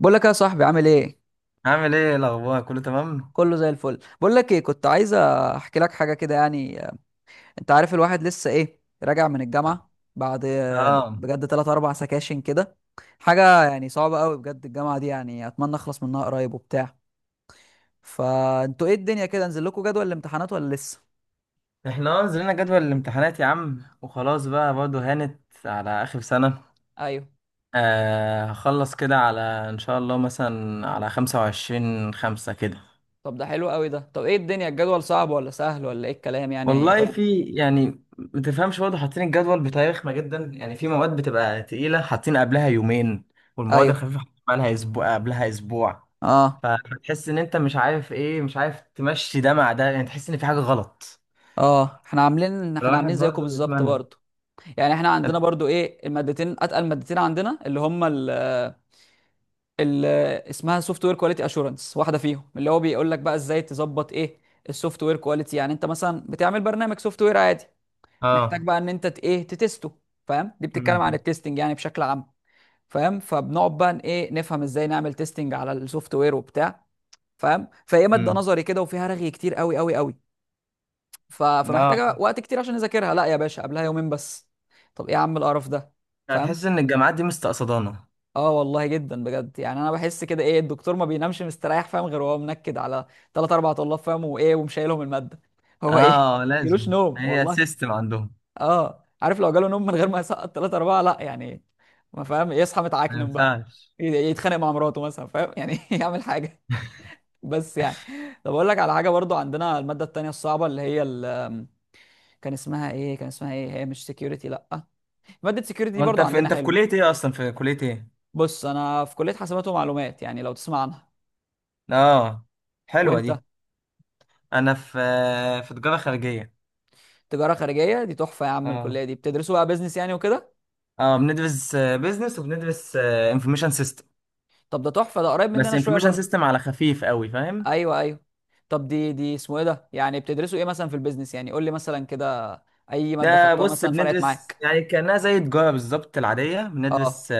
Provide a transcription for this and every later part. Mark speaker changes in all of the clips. Speaker 1: بقول لك يا صاحبي عامل ايه.
Speaker 2: عامل ايه الاخبار، كله تمام؟
Speaker 1: كله زي الفل. بقول لك ايه، كنت عايز احكي لك حاجه كده يعني انت عارف الواحد لسه ايه راجع من الجامعه بعد
Speaker 2: اه
Speaker 1: بجد 3 4 سكاشن كده. حاجه يعني صعبه قوي بجد، الجامعه دي يعني اتمنى اخلص منها قريب وبتاع. فانتوا ايه الدنيا، كده نزل لكم جدول الامتحانات ولا لسه؟
Speaker 2: احنا اه نزلنا جدول الامتحانات يا عم، وخلاص بقى برضه هانت على اخر سنة.
Speaker 1: ايوه.
Speaker 2: آه، هخلص كده على ان شاء الله مثلا على 25/5 كده.
Speaker 1: طب ده حلو قوي ده. طب ايه الدنيا الجدول صعب ولا سهل ولا ايه الكلام يعني؟
Speaker 2: والله
Speaker 1: قول.
Speaker 2: في يعني متفهمش برضه، حاطين الجدول بتاريخنا جدا يعني، في مواد بتبقى تقيلة حاطين قبلها يومين، والمواد
Speaker 1: ايوه.
Speaker 2: الخفيفة حاطين بقالها اسبوع، قبلها اسبوع.
Speaker 1: اه.
Speaker 2: فتحس ان انت مش عارف ايه، مش عارف تمشي ده مع ده يعني، تحس ان في حاجة غلط.
Speaker 1: اه. احنا عاملين احنا
Speaker 2: الواحد
Speaker 1: عاملين زيكم
Speaker 2: برضه
Speaker 1: بالظبط
Speaker 2: بيتمنى.
Speaker 1: برضه. يعني احنا عندنا برضو ايه المادتين اتقل مادتين عندنا اللي هم ال اسمها سوفت وير كواليتي اشورنس، واحده فيهم اللي هو بيقول لك بقى ازاي تظبط ايه السوفت وير كواليتي. يعني انت مثلا بتعمل برنامج سوفت وير عادي محتاج
Speaker 2: اه.
Speaker 1: بقى ان انت ت- ايه تتسته فاهم؟ دي بتتكلم عن
Speaker 2: امم
Speaker 1: التستنج يعني بشكل عام. فاهم؟ فبنقعد بقى ن- ايه نفهم ازاي نعمل تيستنج على السوفت وير وبتاع. فاهم؟ فهي ماده
Speaker 2: امم
Speaker 1: نظري كده وفيها رغي كتير قوي قوي قوي.
Speaker 2: اه،
Speaker 1: فمحتاجه وقت كتير عشان اذاكرها، لا يا باشا قبلها يومين بس. طب ايه يا عم القرف ده؟ فاهم؟
Speaker 2: هتحس ان الجامعات دي مستقصدانه.
Speaker 1: اه والله جدا بجد. يعني انا بحس كده ايه الدكتور ما بينامش مستريح، فاهم، غير وهو منكد على ثلاث اربع طلاب، فاهم، وايه ومشايلهم الماده. هو ايه
Speaker 2: اه،
Speaker 1: جلوش
Speaker 2: لازم
Speaker 1: نوم
Speaker 2: هي
Speaker 1: والله.
Speaker 2: سيستم عندهم.
Speaker 1: اه عارف لو جاله نوم من غير ما يسقط ثلاثة أربعة لا يعني. ما فاهم يصحى
Speaker 2: ما
Speaker 1: متعكنم بقى
Speaker 2: ينفعش.
Speaker 1: يتخانق مع مراته مثلا، فاهم يعني يعمل حاجة بس يعني. طب أقول لك على حاجة برضو، عندنا المادة التانية الصعبة اللي هي كان اسمها إيه كان اسمها إيه، هي مش سكيورتي لأ، مادة سكيورتي دي
Speaker 2: وانت
Speaker 1: برضو
Speaker 2: في
Speaker 1: عندنا
Speaker 2: انت في كليه
Speaker 1: حلوة.
Speaker 2: ايه؟ اصلا في كليه ايه؟
Speaker 1: بص أنا في كلية حاسبات ومعلومات، يعني لو تسمع عنها.
Speaker 2: اه، حلوه
Speaker 1: وأنت؟
Speaker 2: دي. انا في تجاره خارجيه.
Speaker 1: تجاره خارجيه دي تحفه يا عم،
Speaker 2: اه،
Speaker 1: الكليه دي بتدرسوا بقى بيزنس يعني وكده.
Speaker 2: اه، بندرس بيزنس وبندرس انفورميشن سيستم،
Speaker 1: طب ده تحفه ده، قريب
Speaker 2: بس
Speaker 1: مننا شويه
Speaker 2: انفورميشن
Speaker 1: برضو.
Speaker 2: سيستم على خفيف قوي فاهم.
Speaker 1: ايوه ايوه. طب دي اسمه ايه ده يعني بتدرسوا ايه مثلا في البيزنس، يعني قول لي مثلا كده اي ماده
Speaker 2: ده
Speaker 1: خدتوها
Speaker 2: بص،
Speaker 1: مثلا فرقت
Speaker 2: بندرس
Speaker 1: معاك.
Speaker 2: يعني كانها زي تجاره بالظبط العاديه،
Speaker 1: اه.
Speaker 2: بندرس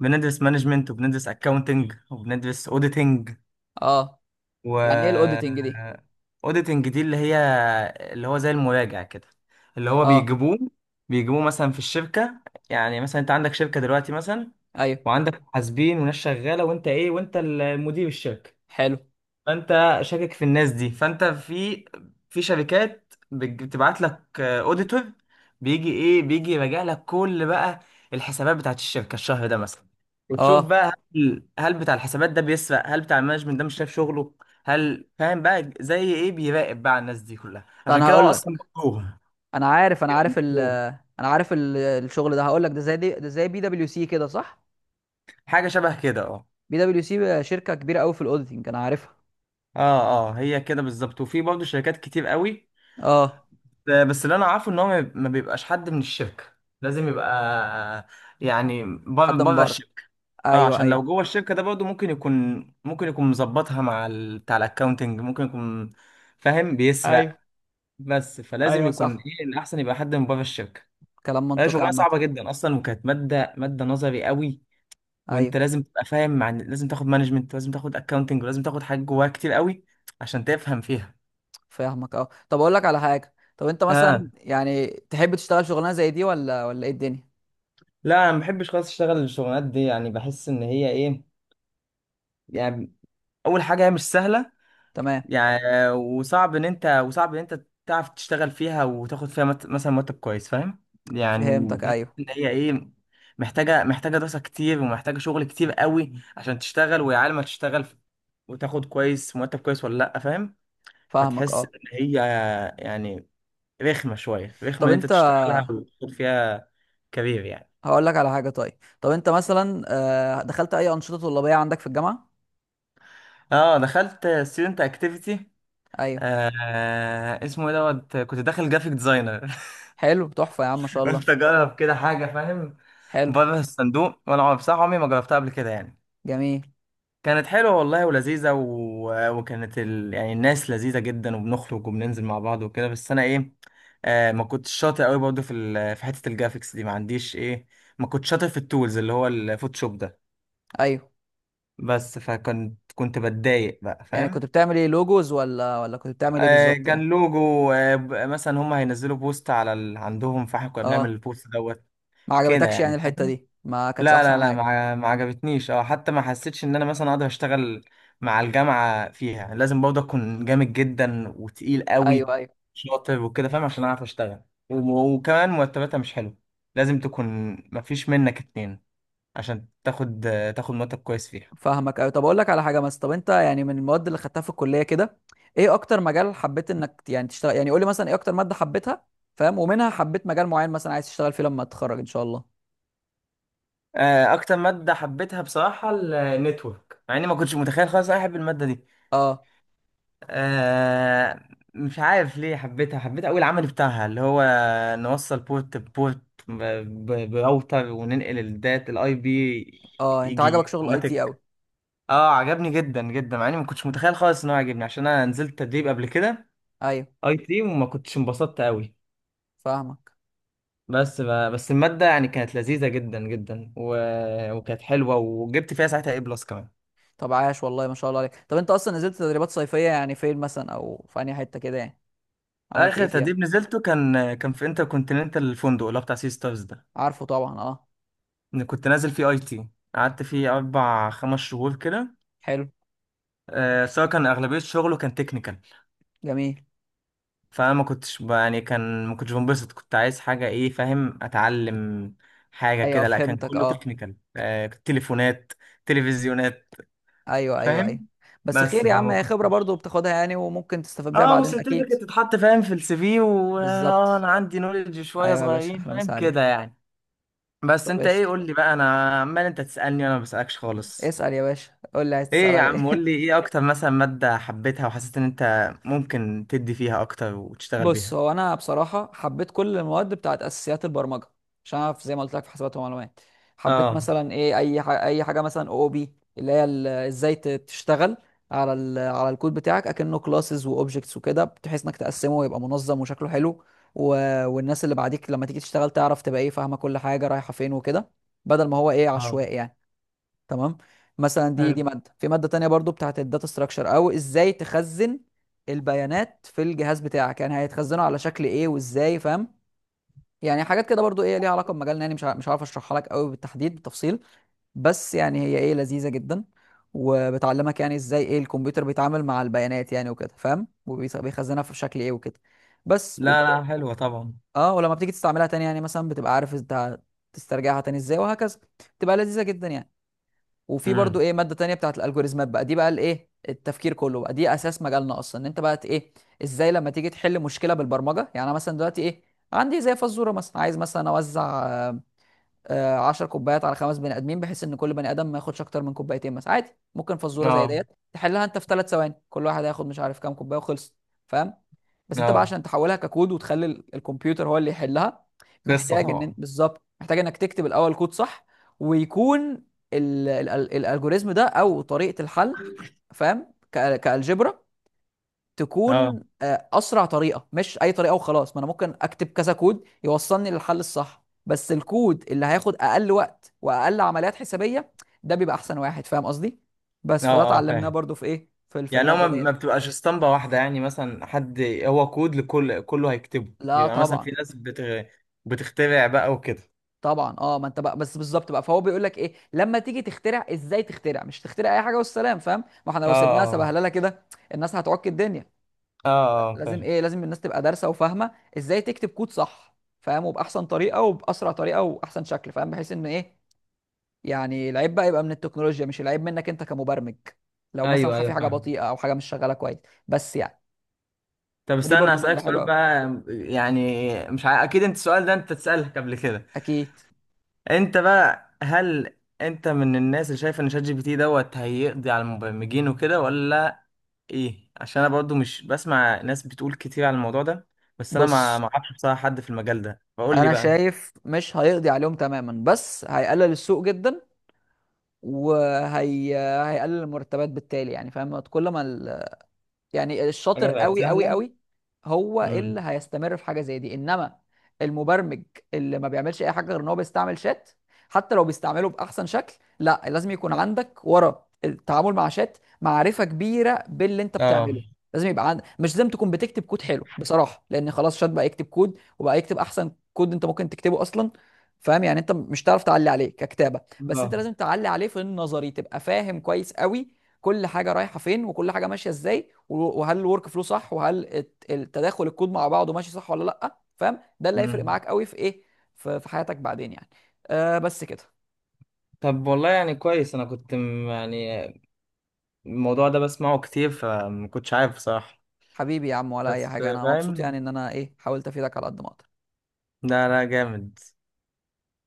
Speaker 2: بندرس مانجمنت، وبندرس اكاونتنج، وبندرس اوديتنج
Speaker 1: اه. يعني ايه
Speaker 2: و
Speaker 1: الاوديتنج دي؟
Speaker 2: اوديتنج دي اللي هي، اللي هو زي المراجع كده، اللي هو
Speaker 1: اه.
Speaker 2: بيجيبوه مثلا في الشركة. يعني مثلا انت عندك شركة دلوقتي مثلا،
Speaker 1: ايوه.
Speaker 2: وعندك محاسبين وناس شغالة، وانت ايه، وانت المدير الشركة،
Speaker 1: حلو.
Speaker 2: فانت شاكك في الناس دي، فانت في، في شركات بتبعت لك اوديتور، بيجي ايه، بيجي يراجع لك كل بقى الحسابات بتاعت الشركه الشهر ده مثلا. وتشوف
Speaker 1: اه.
Speaker 2: بقى هل بتاع الحسابات ده بيسرق، هل بتاع المانجمنت ده مش شايف شغله، هل فاهم بقى، زي ايه بيراقب بقى على الناس دي كلها.
Speaker 1: طب
Speaker 2: عشان
Speaker 1: انا
Speaker 2: كده هو
Speaker 1: هقول
Speaker 2: اصلا
Speaker 1: لك،
Speaker 2: مكروه،
Speaker 1: انا عارف انا
Speaker 2: يبقى
Speaker 1: عارف ال
Speaker 2: مكروه.
Speaker 1: انا عارف الشغل ده، هقول لك ده زي دي، ده زي بي دبليو سي كده صح؟
Speaker 2: حاجه شبه كده، اه.
Speaker 1: بي دبليو سي شركه كبيره قوي في الاوديتنج انا عارفها.
Speaker 2: اه، اه، هي كده بالظبط، وفي برضه شركات كتير قوي.
Speaker 1: اه.
Speaker 2: بس اللي انا عارفه ان هو ما بيبقاش حد من الشركه، لازم يبقى يعني بره
Speaker 1: حد من
Speaker 2: بره
Speaker 1: بره.
Speaker 2: الشركه. اه،
Speaker 1: ايوه
Speaker 2: عشان
Speaker 1: ايوه.
Speaker 2: لو جوه الشركه ده برضه ممكن يكون مظبطها مع بتاع الاكونتنج، ممكن يكون فاهم
Speaker 1: ايوه.
Speaker 2: بيسرق. بس فلازم
Speaker 1: ايوه
Speaker 2: يكون
Speaker 1: صح.
Speaker 2: ايه الاحسن، يبقى حد من بره الشركه.
Speaker 1: كلام
Speaker 2: هي
Speaker 1: منطقي
Speaker 2: شغلانه
Speaker 1: عامة.
Speaker 2: صعبه جدا اصلا، وكانت ماده نظري قوي،
Speaker 1: ايوه.
Speaker 2: وانت لازم تبقى فاهم، مع إن لازم تاخد مانجمنت، لازم تاخد اكونتنج، ولازم تاخد حاجات جواها كتير قوي عشان تفهم فيها.
Speaker 1: فاهمك. اه طب اقول لك على حاجة، طب انت
Speaker 2: اه،
Speaker 1: مثلا يعني تحب تشتغل شغلانة زي دي ولا ايه الدنيا؟
Speaker 2: لا انا ما بحبش خالص اشتغل الشغلانات دي يعني، بحس ان هي ايه يعني. اول حاجه هي مش سهله
Speaker 1: تمام.
Speaker 2: يعني، وصعب ان انت تعرف تشتغل فيها وتاخد فيها مثلا مرتب كويس فاهم، يعني
Speaker 1: فهمتك.
Speaker 2: تحس
Speaker 1: ايوه.
Speaker 2: ان هي ايه، محتاجه دراسه كتير، ومحتاجه شغل كتير قوي عشان تشتغل، ويا عالم هتشتغل وتاخد كويس، مرتب كويس ولا لا، فاهم.
Speaker 1: فاهمك
Speaker 2: فتحس
Speaker 1: اه.
Speaker 2: ان هي يعني، رخمه شويه، رخمه
Speaker 1: طب
Speaker 2: ان انت
Speaker 1: انت
Speaker 2: تشتغلها وتاخد فيها كبير يعني.
Speaker 1: هقول لك على حاجة، طيب طب انت مثلا دخلت اي أنشطة طلابية عندك في الجامعة؟
Speaker 2: اه، دخلت ستودنت اكتيفيتي.
Speaker 1: ايوه.
Speaker 2: آه، اسمه ايه دوت، كنت داخل جرافيك ديزاينر.
Speaker 1: حلو تحفة يا عم ما شاء الله.
Speaker 2: قلت اجرب كده حاجه فاهم،
Speaker 1: حلو.
Speaker 2: بره الصندوق. وانا بصراحه عمري ما جربتها قبل كده يعني.
Speaker 1: جميل.
Speaker 2: كانت حلوه والله ولذيذه، يعني الناس لذيذه جدا، وبنخرج وبننزل مع بعض وكده. بس انا ايه، آه، ما كنتش شاطر قوي برضه في حته الجرافيكس دي، ما عنديش ايه، ما كنتش شاطر في التولز اللي هو الفوتوشوب ده.
Speaker 1: ايوه
Speaker 2: بس فكنت بتضايق بقى
Speaker 1: يعني
Speaker 2: فاهم.
Speaker 1: كنت بتعمل ايه لوجوز ولا كنت بتعمل ايه
Speaker 2: آه،
Speaker 1: بالظبط
Speaker 2: كان
Speaker 1: يعني؟
Speaker 2: لوجو. مثلا هم هينزلوا بوست على عندهم، فاحنا كنا بنعمل
Speaker 1: اه
Speaker 2: البوست دوت
Speaker 1: ما
Speaker 2: كده
Speaker 1: عجبتكش يعني
Speaker 2: يعني
Speaker 1: الحتة
Speaker 2: فاهم.
Speaker 1: دي، ما كانتش
Speaker 2: لا لا
Speaker 1: احسن
Speaker 2: لا
Speaker 1: حاجة.
Speaker 2: ما عجبتنيش، او حتى ما حسيتش ان انا مثلا اقدر اشتغل مع الجامعه، فيها لازم برضه اكون جامد جدا وتقيل قوي،
Speaker 1: ايوه ايوه.
Speaker 2: شاطر وكده فاهم عشان اعرف اشتغل. وكمان مرتباتها مش حلو، لازم تكون، ما فيش منك اتنين عشان تاخد، تاخد مرتب كويس فيها.
Speaker 1: فاهمك أوي. طب اقول لك على حاجه مثلا، طب انت يعني من المواد اللي خدتها في الكليه كده، ايه اكتر مجال حبيت انك يعني تشتغل، يعني قول لي مثلا ايه اكتر ماده حبيتها. فاهم؟ ومنها حبيت مجال معين مثلا عايز تشتغل فيه لما تتخرج ان شاء الله.
Speaker 2: آه، اكتر ماده حبيتها بصراحه النتورك، مع اني ما كنتش متخيل خالص إن انا احب الماده دي.
Speaker 1: اه
Speaker 2: آه، مش عارف ليه حبيتها، حبيت أوي العمل بتاعها اللي هو نوصل بورت بورت براوتر، وننقل الدات الاي بي،
Speaker 1: اه انت
Speaker 2: يجي
Speaker 1: عجبك شغل اي تي قوي؟
Speaker 2: اوتوماتيك. اه، عجبني جدا جدا، مع اني ما كنتش متخيل خالص ان هو عجبني، عشان انا نزلت تدريب قبل كده
Speaker 1: ايوه
Speaker 2: اي تي، وما كنتش انبسطت قوي.
Speaker 1: فاهمك.
Speaker 2: بس ب... بس المادة يعني كانت لذيذة جدا جدا، وكانت حلوة، وجبت فيها ساعتها اي بلس كمان.
Speaker 1: طب عاش والله ما شاء الله عليك. طب انت اصلا نزلت تدريبات صيفيه يعني فين مثلا او في انهي حته كده يعني عملت ايه
Speaker 2: اخر
Speaker 1: فيها؟
Speaker 2: تدريب نزلته كان في انتر كونتيننتال الفندق، اللي هو بتاع سي ستارز ده،
Speaker 1: عارفه طبعا اه.
Speaker 2: إن كنت نازل فيه اي تي. قعدت فيه 4 5 شهور كده.
Speaker 1: حلو.
Speaker 2: آه، سواء كان اغلبيه شغله كان تكنيكال.
Speaker 1: جميل.
Speaker 2: فانا ما كنتش يعني كان ما كنتش بنبسط، كنت عايز حاجه ايه فاهم، اتعلم حاجه
Speaker 1: ايوه.
Speaker 2: كده. لا كان
Speaker 1: فهمتك
Speaker 2: كله
Speaker 1: اه.
Speaker 2: تكنيكال، آه، تليفونات، تلفزيونات
Speaker 1: ايوه ايوه ايوه.
Speaker 2: فاهم.
Speaker 1: بس خير
Speaker 2: بس
Speaker 1: يا عم،
Speaker 2: فما
Speaker 1: هي خبره برضو
Speaker 2: كنتش.
Speaker 1: بتاخدها يعني وممكن تستفاد بيها
Speaker 2: اه،
Speaker 1: بعدين اكيد.
Speaker 2: وسيرتيفيكت تتحط فاهم في السي في، واه
Speaker 1: بالظبط.
Speaker 2: انا عندي نولج شويه
Speaker 1: ايوه يا باشا،
Speaker 2: صغيرين
Speaker 1: احلى مسا
Speaker 2: فاهم
Speaker 1: عليك.
Speaker 2: كده يعني. بس
Speaker 1: طب
Speaker 2: انت ايه،
Speaker 1: قشطة.
Speaker 2: قول لي بقى، انا عمال انت تسالني وانا ما بسالكش خالص.
Speaker 1: اسأل يا باشا، قول لي عايز
Speaker 2: ايه
Speaker 1: تسأل
Speaker 2: يا
Speaker 1: على ايه؟
Speaker 2: عم، قول لي ايه اكتر مثلا مادة حبيتها، وحسيت ان انت ممكن تدي فيها اكتر وتشتغل
Speaker 1: بص
Speaker 2: بيها.
Speaker 1: هو انا بصراحة حبيت كل المواد بتاعت اساسيات البرمجة، عشان انا زي ما قلت لك في حسابات ومعلومات. حبيت
Speaker 2: اه،
Speaker 1: مثلا ايه اي حاجة اي حاجة مثلا او بي، اللي هي تشتغل على على الكود بتاعك اكنه كلاسز واوبجكتس وكده، بحيث انك تقسمه ويبقى منظم وشكله حلو، و... والناس اللي بعديك لما تيجي تشتغل تعرف تبقى ايه فاهمة كل حاجة رايحة فين وكده، بدل ما هو ايه
Speaker 2: اه،
Speaker 1: عشوائي يعني. تمام. مثلا دي
Speaker 2: حلو.
Speaker 1: دي ماده، في ماده تانية برضو بتاعت الداتا ستراكشر، او ازاي تخزن البيانات في الجهاز بتاعك، يعني هيتخزنوا على شكل ايه وازاي. فاهم؟ يعني حاجات كده برضو ايه ليها علاقه بمجالنا يعني، مش عارف اشرحها لك قوي بالتحديد بالتفصيل، بس يعني هي ايه لذيذه جدا. وبتعلمك يعني ازاي ايه الكمبيوتر بيتعامل مع البيانات، يعني وكده فاهم، وبيخزنها في شكل ايه وكده. بس
Speaker 2: لا
Speaker 1: وبت...
Speaker 2: لا، حلوة طبعا.
Speaker 1: اه ولما بتيجي تستعملها تاني يعني مثلا بتبقى عارف انت تسترجعها تاني ازاي وهكذا، بتبقى لذيذه جدا يعني. وفي برضو
Speaker 2: امم.
Speaker 1: ايه ماده تانية بتاعت الالجوريزمات بقى، دي بقى الايه التفكير كله، بقى دي اساس مجالنا اصلا، ان انت بقى ت- ايه ازاي لما تيجي تحل مشكله بالبرمجه. يعني انا مثلا دلوقتي ايه عندي زي فزوره مثلا، عايز مثلا اوزع 10 كوبايات على خمس بني ادمين، بحيث ان كل بني ادم ما ياخدش اكتر من كوبايتين مثلا عادي. ممكن فزوره زي
Speaker 2: اه،
Speaker 1: ديت تحلها انت في ثلاث ثواني، كل واحد هياخد مش عارف كام كوبايه وخلص. فاهم؟ بس انت بقى
Speaker 2: اه،
Speaker 1: عشان تحولها ككود وتخلي الكمبيوتر هو اللي يحلها،
Speaker 2: قصة
Speaker 1: محتاج ان
Speaker 2: طبعا.
Speaker 1: بالظبط محتاج انك تكتب الاول كود صح، ويكون الالجوريزم ده او طريقه الحل، فاهم، كالجبرا،
Speaker 2: اه،
Speaker 1: تكون اسرع طريقه مش اي طريقه وخلاص. ما انا ممكن اكتب كذا كود يوصلني للحل الصح، بس الكود اللي هياخد اقل وقت واقل عمليات حسابيه ده بيبقى احسن واحد فاهم قصدي. بس
Speaker 2: اه،
Speaker 1: فده
Speaker 2: اه،
Speaker 1: اتعلمناه
Speaker 2: فاهم.
Speaker 1: برضو في ايه في في
Speaker 2: يعني هو
Speaker 1: الماده
Speaker 2: ما
Speaker 1: ديت.
Speaker 2: ما بتبقاش اسطمبة واحدة يعني، مثلا حد، هو كود لكل كله هيكتبه،
Speaker 1: لا
Speaker 2: بيبقى مثلا في
Speaker 1: طبعا.
Speaker 2: ناس بتخترع بقى وكده.
Speaker 1: طبعا اه، ما انت بقى بس بالظبط بقى. فهو بيقول لك ايه لما تيجي تخترع ازاي تخترع، مش تخترع اي حاجه والسلام. فاهم؟ ما احنا
Speaker 2: اه،
Speaker 1: لو سيبناها
Speaker 2: اه،
Speaker 1: سبهلله كده الناس هتعك الدنيا.
Speaker 2: اه، اه،
Speaker 1: لازم
Speaker 2: فاهم.
Speaker 1: ايه لازم الناس تبقى دارسه وفاهمه، ازاي تكتب كود صح. فاهم، وباحسن طريقه وباسرع طريقه واحسن شكل، فاهم، بحيث ان ايه يعني العيب بقى يبقى من التكنولوجيا مش العيب منك انت كمبرمج، لو مثلا
Speaker 2: ايوه، ايوه،
Speaker 1: في حاجه
Speaker 2: فاهم.
Speaker 1: بطيئه او حاجه مش شغاله كويس. بس يعني.
Speaker 2: طب
Speaker 1: فدي
Speaker 2: استنى
Speaker 1: برضو
Speaker 2: هسألك
Speaker 1: ماده
Speaker 2: سؤال
Speaker 1: حلوه قوي.
Speaker 2: بقى، يعني مش ع... اكيد انت السؤال ده انت تسألك قبل كده.
Speaker 1: اكيد.
Speaker 2: انت بقى، هل انت من الناس اللي شايف ان شات جي بي تي دوت هيقضي على المبرمجين وكده، ولا ايه؟ عشان انا برضو مش بسمع ناس بتقول كتير على الموضوع ده، بس انا ما
Speaker 1: بص
Speaker 2: ما اعرفش بصراحة حد في المجال ده، فقول لي
Speaker 1: انا
Speaker 2: بقى.
Speaker 1: شايف مش هيقضي عليهم تماما، بس هيقلل السوق جدا، وهي هيقلل المرتبات بالتالي. يعني فاهم كل ما يعني الشاطر
Speaker 2: حاجة بقت
Speaker 1: قوي قوي
Speaker 2: سهلة.
Speaker 1: قوي هو اللي
Speaker 2: امم
Speaker 1: هيستمر في حاجه زي دي. انما المبرمج اللي ما بيعملش اي حاجه غير ان هو بيستعمل شات، حتى لو بيستعمله باحسن شكل، لا لازم يكون عندك ورا التعامل مع شات معرفه كبيره باللي انت
Speaker 2: اه،
Speaker 1: بتعمله. لازم يبقى عندك مش لازم تكون بتكتب كود حلو بصراحه، لان خلاص شات بقى يكتب كود وبقى يكتب احسن كود انت ممكن تكتبه اصلا. فاهم؟ يعني انت مش تعرف تعلي عليه ككتابه، بس
Speaker 2: اه.
Speaker 1: انت لازم تعلي عليه في النظري تبقى فاهم كويس قوي، كل حاجه رايحه فين وكل حاجه ماشيه ازاي، وهل الورك فلو صح، وهل التداخل الكود مع بعضه ماشي صح ولا لا. فاهم؟ ده اللي هيفرق
Speaker 2: امم
Speaker 1: معاك قوي في ايه في حياتك بعدين يعني. آه بس كده.
Speaker 2: طب والله يعني كويس، انا كنت يعني الموضوع ده بسمعه كتير، فما كنتش عارف بصراحة.
Speaker 1: حبيبي يا عم ولا اي
Speaker 2: بس
Speaker 1: حاجه، انا مبسوط يعني
Speaker 2: فاهم.
Speaker 1: ان انا ايه حاولت افيدك على قد ما اقدر.
Speaker 2: لا لا، جامد.